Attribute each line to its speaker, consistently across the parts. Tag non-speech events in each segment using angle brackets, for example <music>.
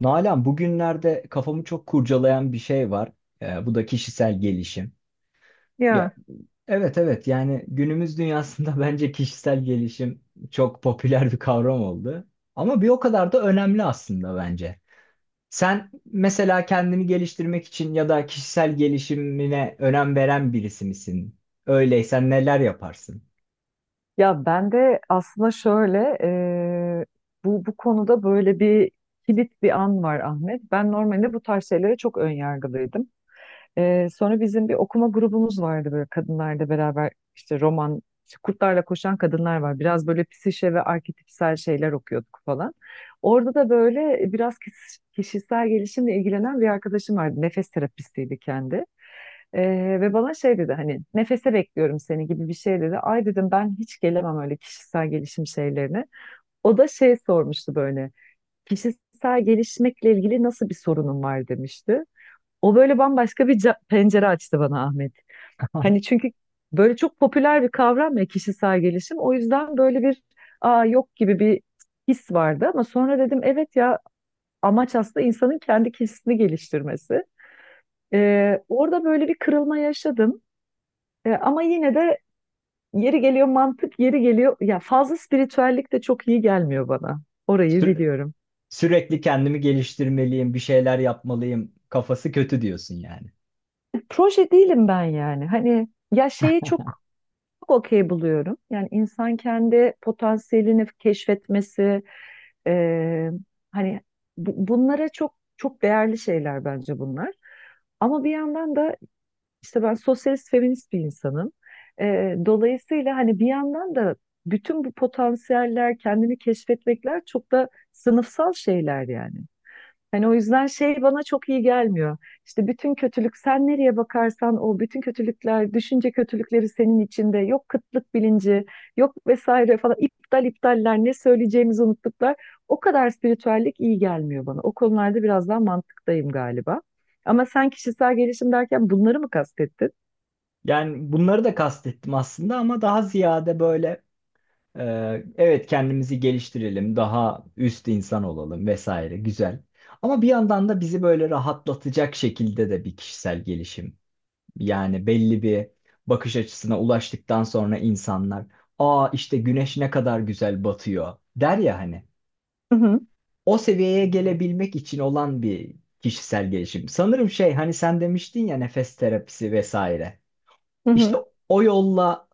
Speaker 1: Nalan, bugünlerde kafamı çok kurcalayan bir şey var. Bu da kişisel gelişim.
Speaker 2: Ya.
Speaker 1: Ya evet, yani günümüz dünyasında <laughs> bence kişisel gelişim çok popüler bir kavram oldu. Ama bir o kadar da önemli aslında bence. Sen mesela kendini geliştirmek için ya da kişisel gelişimine önem veren birisi misin? Öyleysen neler yaparsın?
Speaker 2: Ya ben de aslında şöyle bu konuda böyle bir kilit bir an var Ahmet. Ben normalde bu tarz şeylere çok önyargılıydım. Sonra bizim bir okuma grubumuz vardı böyle kadınlarla beraber işte roman, işte kurtlarla koşan kadınlar var. Biraz böyle psişe ve arketipsel şeyler okuyorduk falan. Orada da böyle biraz kişisel gelişimle ilgilenen bir arkadaşım vardı. Nefes terapistiydi kendi. Ve bana şey dedi, hani nefese bekliyorum seni gibi bir şey dedi. Ay dedim, ben hiç gelemem öyle kişisel gelişim şeylerine. O da şey sormuştu, böyle kişisel gelişmekle ilgili nasıl bir sorunun var demişti. O böyle bambaşka bir pencere açtı bana Ahmet.
Speaker 1: <laughs>
Speaker 2: Hani çünkü böyle çok popüler bir kavram ya kişisel gelişim. O yüzden böyle bir aa yok gibi bir his vardı, ama sonra dedim evet ya, amaç aslında insanın kendi kişisini geliştirmesi. Orada böyle bir kırılma yaşadım. Ama yine de yeri geliyor mantık, yeri geliyor ya, fazla spiritüellik de çok iyi gelmiyor bana. Orayı
Speaker 1: Sü-
Speaker 2: biliyorum.
Speaker 1: Sürekli kendimi geliştirmeliyim, bir şeyler yapmalıyım. Kafası kötü diyorsun yani.
Speaker 2: Proje değilim ben yani. Hani ya şeyi çok çok okey buluyorum. Yani insan kendi potansiyelini keşfetmesi, e, hani bunlara çok çok değerli şeyler bence bunlar. Ama bir yandan da işte ben sosyalist feminist bir insanım. Dolayısıyla hani bir yandan da bütün bu potansiyeller, kendini keşfetmekler çok da sınıfsal şeyler yani. Hani o yüzden şey bana çok iyi gelmiyor. İşte bütün kötülük, sen nereye bakarsan o, bütün kötülükler, düşünce kötülükleri senin içinde. Yok kıtlık bilinci, yok vesaire falan, iptal iptaller, ne söyleyeceğimizi unuttuklar. O kadar spiritüellik iyi gelmiyor bana. O konularda biraz daha mantıktayım galiba. Ama sen kişisel gelişim derken bunları mı kastettin?
Speaker 1: Yani bunları da kastettim aslında ama daha ziyade böyle, e, evet kendimizi geliştirelim, daha üst insan olalım vesaire güzel. Ama bir yandan da bizi böyle rahatlatacak şekilde de bir kişisel gelişim. Yani belli bir bakış açısına ulaştıktan sonra insanlar, aa işte güneş ne kadar güzel batıyor der ya hani.
Speaker 2: Hı hı.
Speaker 1: O seviyeye gelebilmek için olan bir kişisel gelişim. Sanırım şey, hani sen demiştin ya nefes terapisi vesaire.
Speaker 2: Hı hı.
Speaker 1: İşte o yolla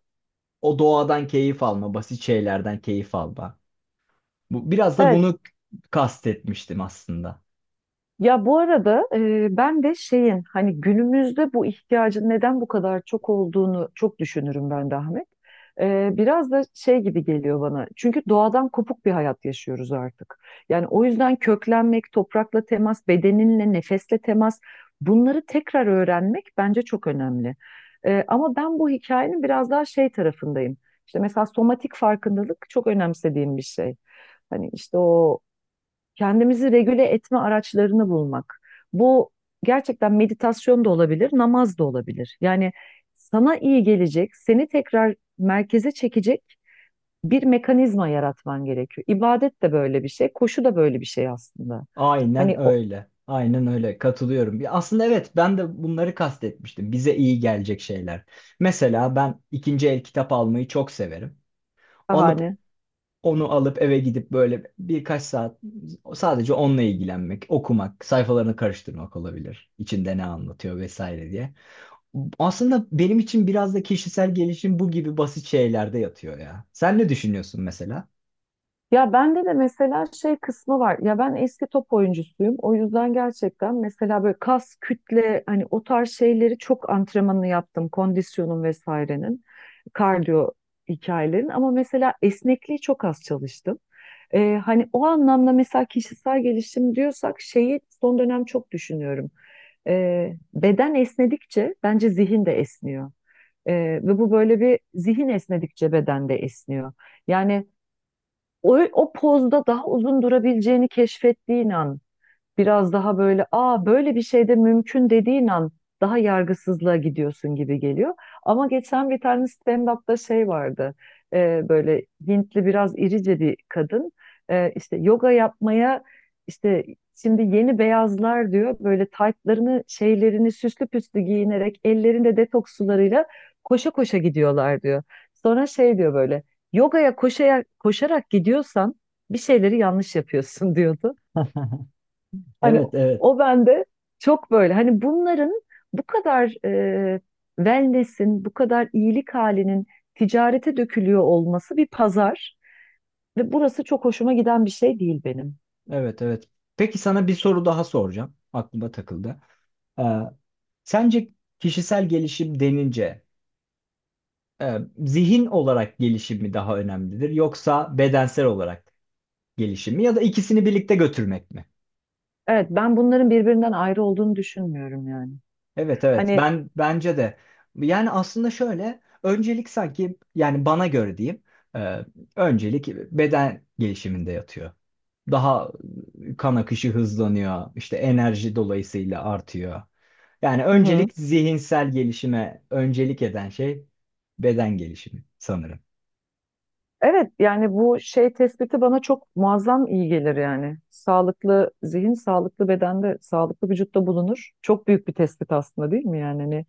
Speaker 1: o doğadan keyif alma, basit şeylerden keyif alma. Bu, biraz da
Speaker 2: Evet.
Speaker 1: bunu kastetmiştim aslında.
Speaker 2: Ya bu arada ben de şeyin, hani günümüzde bu ihtiyacın neden bu kadar çok olduğunu çok düşünürüm ben de Ahmet. Biraz da şey gibi geliyor bana. Çünkü doğadan kopuk bir hayat yaşıyoruz artık. Yani o yüzden köklenmek, toprakla temas, bedeninle, nefesle temas, bunları tekrar öğrenmek bence çok önemli. Ama ben bu hikayenin biraz daha şey tarafındayım. İşte mesela somatik farkındalık çok önemsediğim bir şey. Hani işte o kendimizi regüle etme araçlarını bulmak. Bu gerçekten meditasyon da olabilir, namaz da olabilir. Yani sana iyi gelecek, seni tekrar merkeze çekecek bir mekanizma yaratman gerekiyor. İbadet de böyle bir şey, koşu da böyle bir şey aslında.
Speaker 1: Aynen
Speaker 2: Hani o
Speaker 1: öyle. Aynen öyle. Katılıyorum. Ya aslında evet, ben de bunları kastetmiştim. Bize iyi gelecek şeyler. Mesela ben ikinci el kitap almayı çok severim. Alıp
Speaker 2: bahane.
Speaker 1: onu alıp eve gidip böyle birkaç saat sadece onunla ilgilenmek, okumak, sayfalarını karıştırmak olabilir. İçinde ne anlatıyor vesaire diye. Aslında benim için biraz da kişisel gelişim bu gibi basit şeylerde yatıyor ya. Sen ne düşünüyorsun mesela?
Speaker 2: Ya bende de mesela şey kısmı var. Ya ben eski top oyuncusuyum. O yüzden gerçekten mesela böyle kas, kütle, hani o tarz şeyleri çok antrenmanını yaptım. Kondisyonun vesairenin, kardiyo hikayelerin. Ama mesela esnekliği çok az çalıştım. Hani o anlamda mesela kişisel gelişim diyorsak şeyi son dönem çok düşünüyorum. Beden esnedikçe bence zihin de esniyor. Ee, Ve bu böyle bir, zihin esnedikçe beden de esniyor. Yani o, o pozda daha uzun durabileceğini keşfettiğin an, biraz daha böyle aa böyle bir şey de mümkün dediğin an, daha yargısızlığa gidiyorsun gibi geliyor. Ama geçen bir tane stand-up'ta şey vardı. Böyle Hintli biraz irice bir kadın. İşte yoga yapmaya, işte şimdi yeni beyazlar diyor, böyle taytlarını şeylerini süslü püslü giyinerek ellerinde detoks sularıyla koşa koşa gidiyorlar diyor. Sonra şey diyor böyle, yogaya koşarak, koşarak gidiyorsan bir şeyleri yanlış yapıyorsun <laughs> diyordu. Hani
Speaker 1: Evet, evet,
Speaker 2: o bende çok böyle. Hani bunların bu kadar wellness'in, bu kadar iyilik halinin ticarete dökülüyor olması, bir pazar, ve burası çok hoşuma giden bir şey değil benim.
Speaker 1: evet, evet. Peki sana bir soru daha soracağım. Aklıma takıldı. Ee, Sence kişisel gelişim denince, zihin olarak gelişim mi daha önemlidir yoksa bedensel olarak gelişim mi ya da ikisini birlikte götürmek mi?
Speaker 2: Evet, ben bunların birbirinden ayrı olduğunu düşünmüyorum yani.
Speaker 1: Evet evet,
Speaker 2: Hani
Speaker 1: ben bence de, yani aslında şöyle, öncelik sanki, yani bana göre diyeyim, e, öncelik beden gelişiminde yatıyor. Daha kan akışı hızlanıyor, işte enerji dolayısıyla artıyor. Yani
Speaker 2: hı hı.
Speaker 1: öncelik zihinsel gelişime öncelik eden şey beden gelişimi sanırım.
Speaker 2: Evet, yani bu şey tespiti bana çok muazzam iyi gelir yani. Sağlıklı zihin, sağlıklı bedende, sağlıklı vücutta bulunur. Çok büyük bir tespit aslında değil mi yani? Hani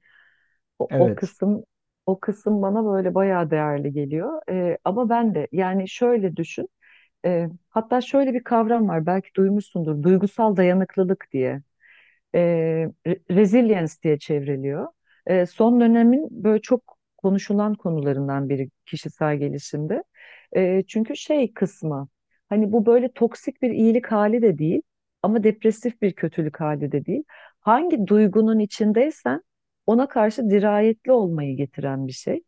Speaker 2: o, o
Speaker 1: Evet.
Speaker 2: kısım o kısım bana böyle bayağı değerli geliyor. Ama ben de yani şöyle düşün. Hatta şöyle bir kavram var belki duymuşsundur. Duygusal dayanıklılık diye, e, resilience diye çevriliyor. Son dönemin böyle çok konuşulan konularından biri kişisel gelişimde. Çünkü şey kısmı, hani bu böyle toksik bir iyilik hali de değil, ama depresif bir kötülük hali de değil. Hangi duygunun içindeysen ona karşı dirayetli olmayı getiren bir şey.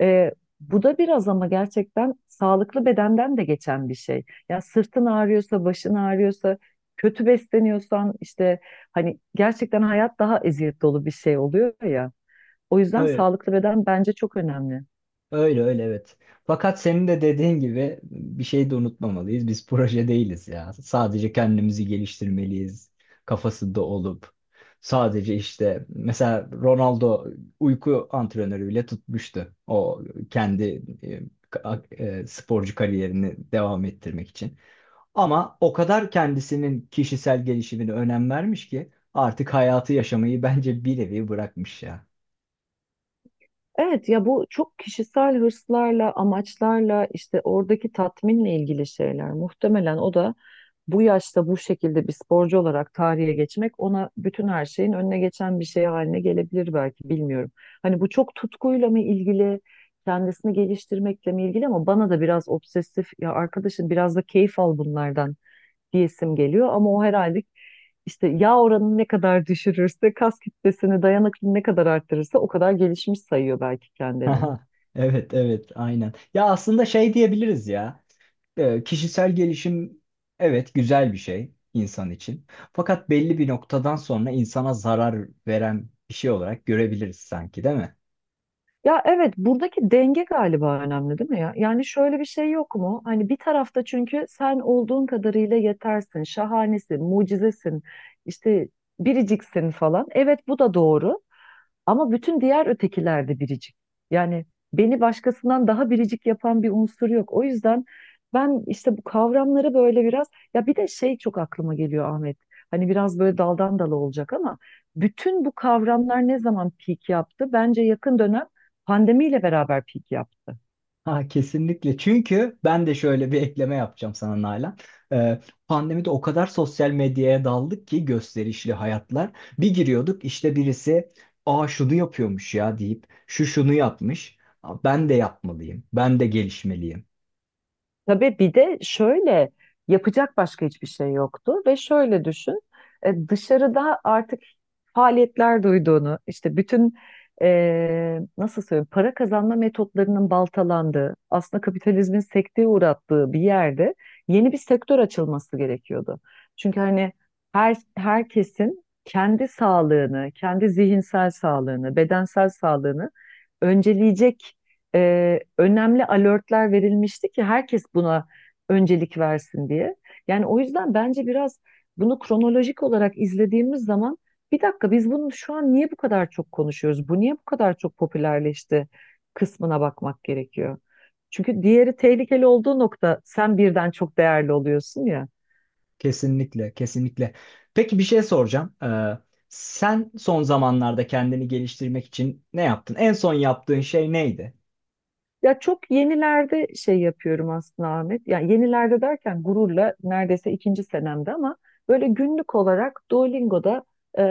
Speaker 2: Ee, Bu da biraz ama gerçekten sağlıklı bedenden de geçen bir şey. Ya sırtın ağrıyorsa, başın ağrıyorsa, kötü besleniyorsan, işte hani gerçekten hayat daha eziyet dolu bir şey oluyor ya. O yüzden sağlıklı beden bence çok önemli.
Speaker 1: Öyle öyle, evet. Fakat senin de dediğin gibi bir şey de unutmamalıyız. Biz proje değiliz ya. Sadece kendimizi geliştirmeliyiz kafasında olup. Sadece işte mesela Ronaldo uyku antrenörü bile tutmuştu. O kendi, e, ka- sporcu kariyerini devam ettirmek için. Ama o kadar kendisinin kişisel gelişimine önem vermiş ki artık hayatı yaşamayı bence bir nevi bırakmış ya.
Speaker 2: Evet ya, bu çok kişisel hırslarla, amaçlarla, işte oradaki tatminle ilgili şeyler. Muhtemelen o da bu yaşta bu şekilde bir sporcu olarak tarihe geçmek, ona bütün her şeyin önüne geçen bir şey haline gelebilir belki, bilmiyorum. Hani bu çok tutkuyla mı ilgili, kendisini geliştirmekle mi ilgili, ama bana da biraz obsesif, ya arkadaşım biraz da keyif al bunlardan diyesim geliyor, ama o herhalde işte yağ oranını ne kadar düşürürse, kas kütlesini, dayanıklılığını ne kadar arttırırsa o kadar gelişmiş sayıyor belki
Speaker 1: <laughs>
Speaker 2: kendini.
Speaker 1: Aha, evet evet aynen. Ya aslında şey diyebiliriz ya. Kişisel gelişim, evet, güzel bir şey insan için. Fakat belli bir noktadan sonra insana zarar veren bir şey olarak görebiliriz sanki, değil mi?
Speaker 2: Ya evet, buradaki denge galiba önemli değil mi ya? Yani şöyle bir şey yok mu? Hani bir tarafta, çünkü sen olduğun kadarıyla yetersin, şahanesin, mucizesin, işte biriciksin falan. Evet, bu da doğru. Ama bütün diğer ötekiler de biricik. Yani beni başkasından daha biricik yapan bir unsur yok. O yüzden ben işte bu kavramları böyle biraz, ya bir de şey çok aklıma geliyor Ahmet. Hani biraz böyle daldan dala olacak ama, bütün bu kavramlar ne zaman peak yaptı? Bence yakın dönem, pandemiyle beraber peak yaptı.
Speaker 1: Ha, kesinlikle. Çünkü ben de şöyle bir ekleme yapacağım sana Nalan. Ee, Pandemide o kadar sosyal medyaya daldık ki, gösterişli hayatlar. Bir giriyorduk, işte birisi aa şunu yapıyormuş ya deyip, şu şunu yapmış. Aa, ben de yapmalıyım. Ben de gelişmeliyim.
Speaker 2: Tabii bir de şöyle, yapacak başka hiçbir şey yoktu ve şöyle düşün, dışarıda artık faaliyetler duyduğunu, işte bütün nasıl söyleyeyim, para kazanma metotlarının baltalandığı, aslında kapitalizmin sekteye uğrattığı bir yerde yeni bir sektör açılması gerekiyordu. Çünkü hani herkesin kendi sağlığını, kendi zihinsel sağlığını, bedensel sağlığını önceleyecek önemli alertler verilmişti ki herkes buna öncelik versin diye. Yani o yüzden bence biraz bunu kronolojik olarak izlediğimiz zaman, bir dakika, biz bunu şu an niye bu kadar çok konuşuyoruz? Bu niye bu kadar çok popülerleşti kısmına bakmak gerekiyor. Çünkü diğeri, tehlikeli olduğu nokta, sen birden çok değerli oluyorsun ya.
Speaker 1: Kesinlikle, kesinlikle. Peki, bir şey soracağım. Sen son zamanlarda kendini geliştirmek için ne yaptın? En son yaptığın şey neydi?
Speaker 2: Ya çok yenilerde şey yapıyorum aslında Ahmet. Yani yenilerde derken, gururla neredeyse ikinci senemde, ama böyle günlük olarak Duolingo'da e,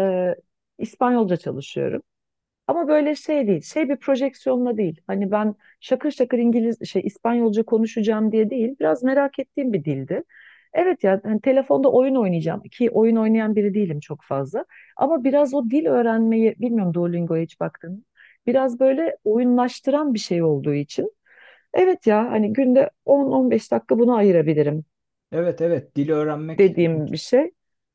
Speaker 2: İspanyolca çalışıyorum. Ama böyle şey değil, şey bir projeksiyonla değil. Hani ben şakır şakır İngiliz şey İspanyolca konuşacağım diye değil. Biraz merak ettiğim bir dildi. Evet ya, hani telefonda oyun oynayacağım, ki oyun oynayan biri değilim çok fazla. Ama biraz o dil öğrenmeyi, bilmiyorum Duolingo'ya hiç baktın mı? Biraz böyle oyunlaştıran bir şey olduğu için. Evet ya, hani günde 10-15 dakika buna ayırabilirim
Speaker 1: Evet, evet, dili öğrenmek
Speaker 2: dediğim bir şey.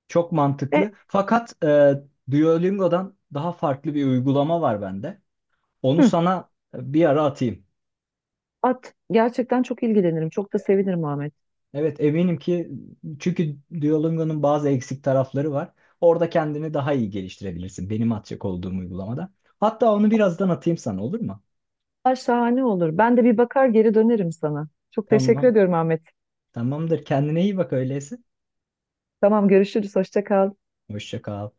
Speaker 1: çok
Speaker 2: E,
Speaker 1: mantıklı. Fakat Duolingo'dan daha farklı bir uygulama var bende. Onu
Speaker 2: hı,
Speaker 1: sana, bir ara atayım.
Speaker 2: At. Gerçekten çok ilgilenirim. Çok da sevinirim Ahmet.
Speaker 1: Evet, eminim ki çünkü Duolingo'nun bazı eksik tarafları var. Orada kendini daha iyi geliştirebilirsin benim atacak olduğum uygulamada. Hatta onu birazdan atayım sana, olur mu?
Speaker 2: Aa, şahane olur. Ben de bir bakar geri dönerim sana. Çok teşekkür
Speaker 1: Tamam.
Speaker 2: ediyorum Ahmet.
Speaker 1: Tamamdır. Kendine iyi bak öyleyse.
Speaker 2: Tamam, görüşürüz. Hoşça kal.
Speaker 1: Hoşça kal.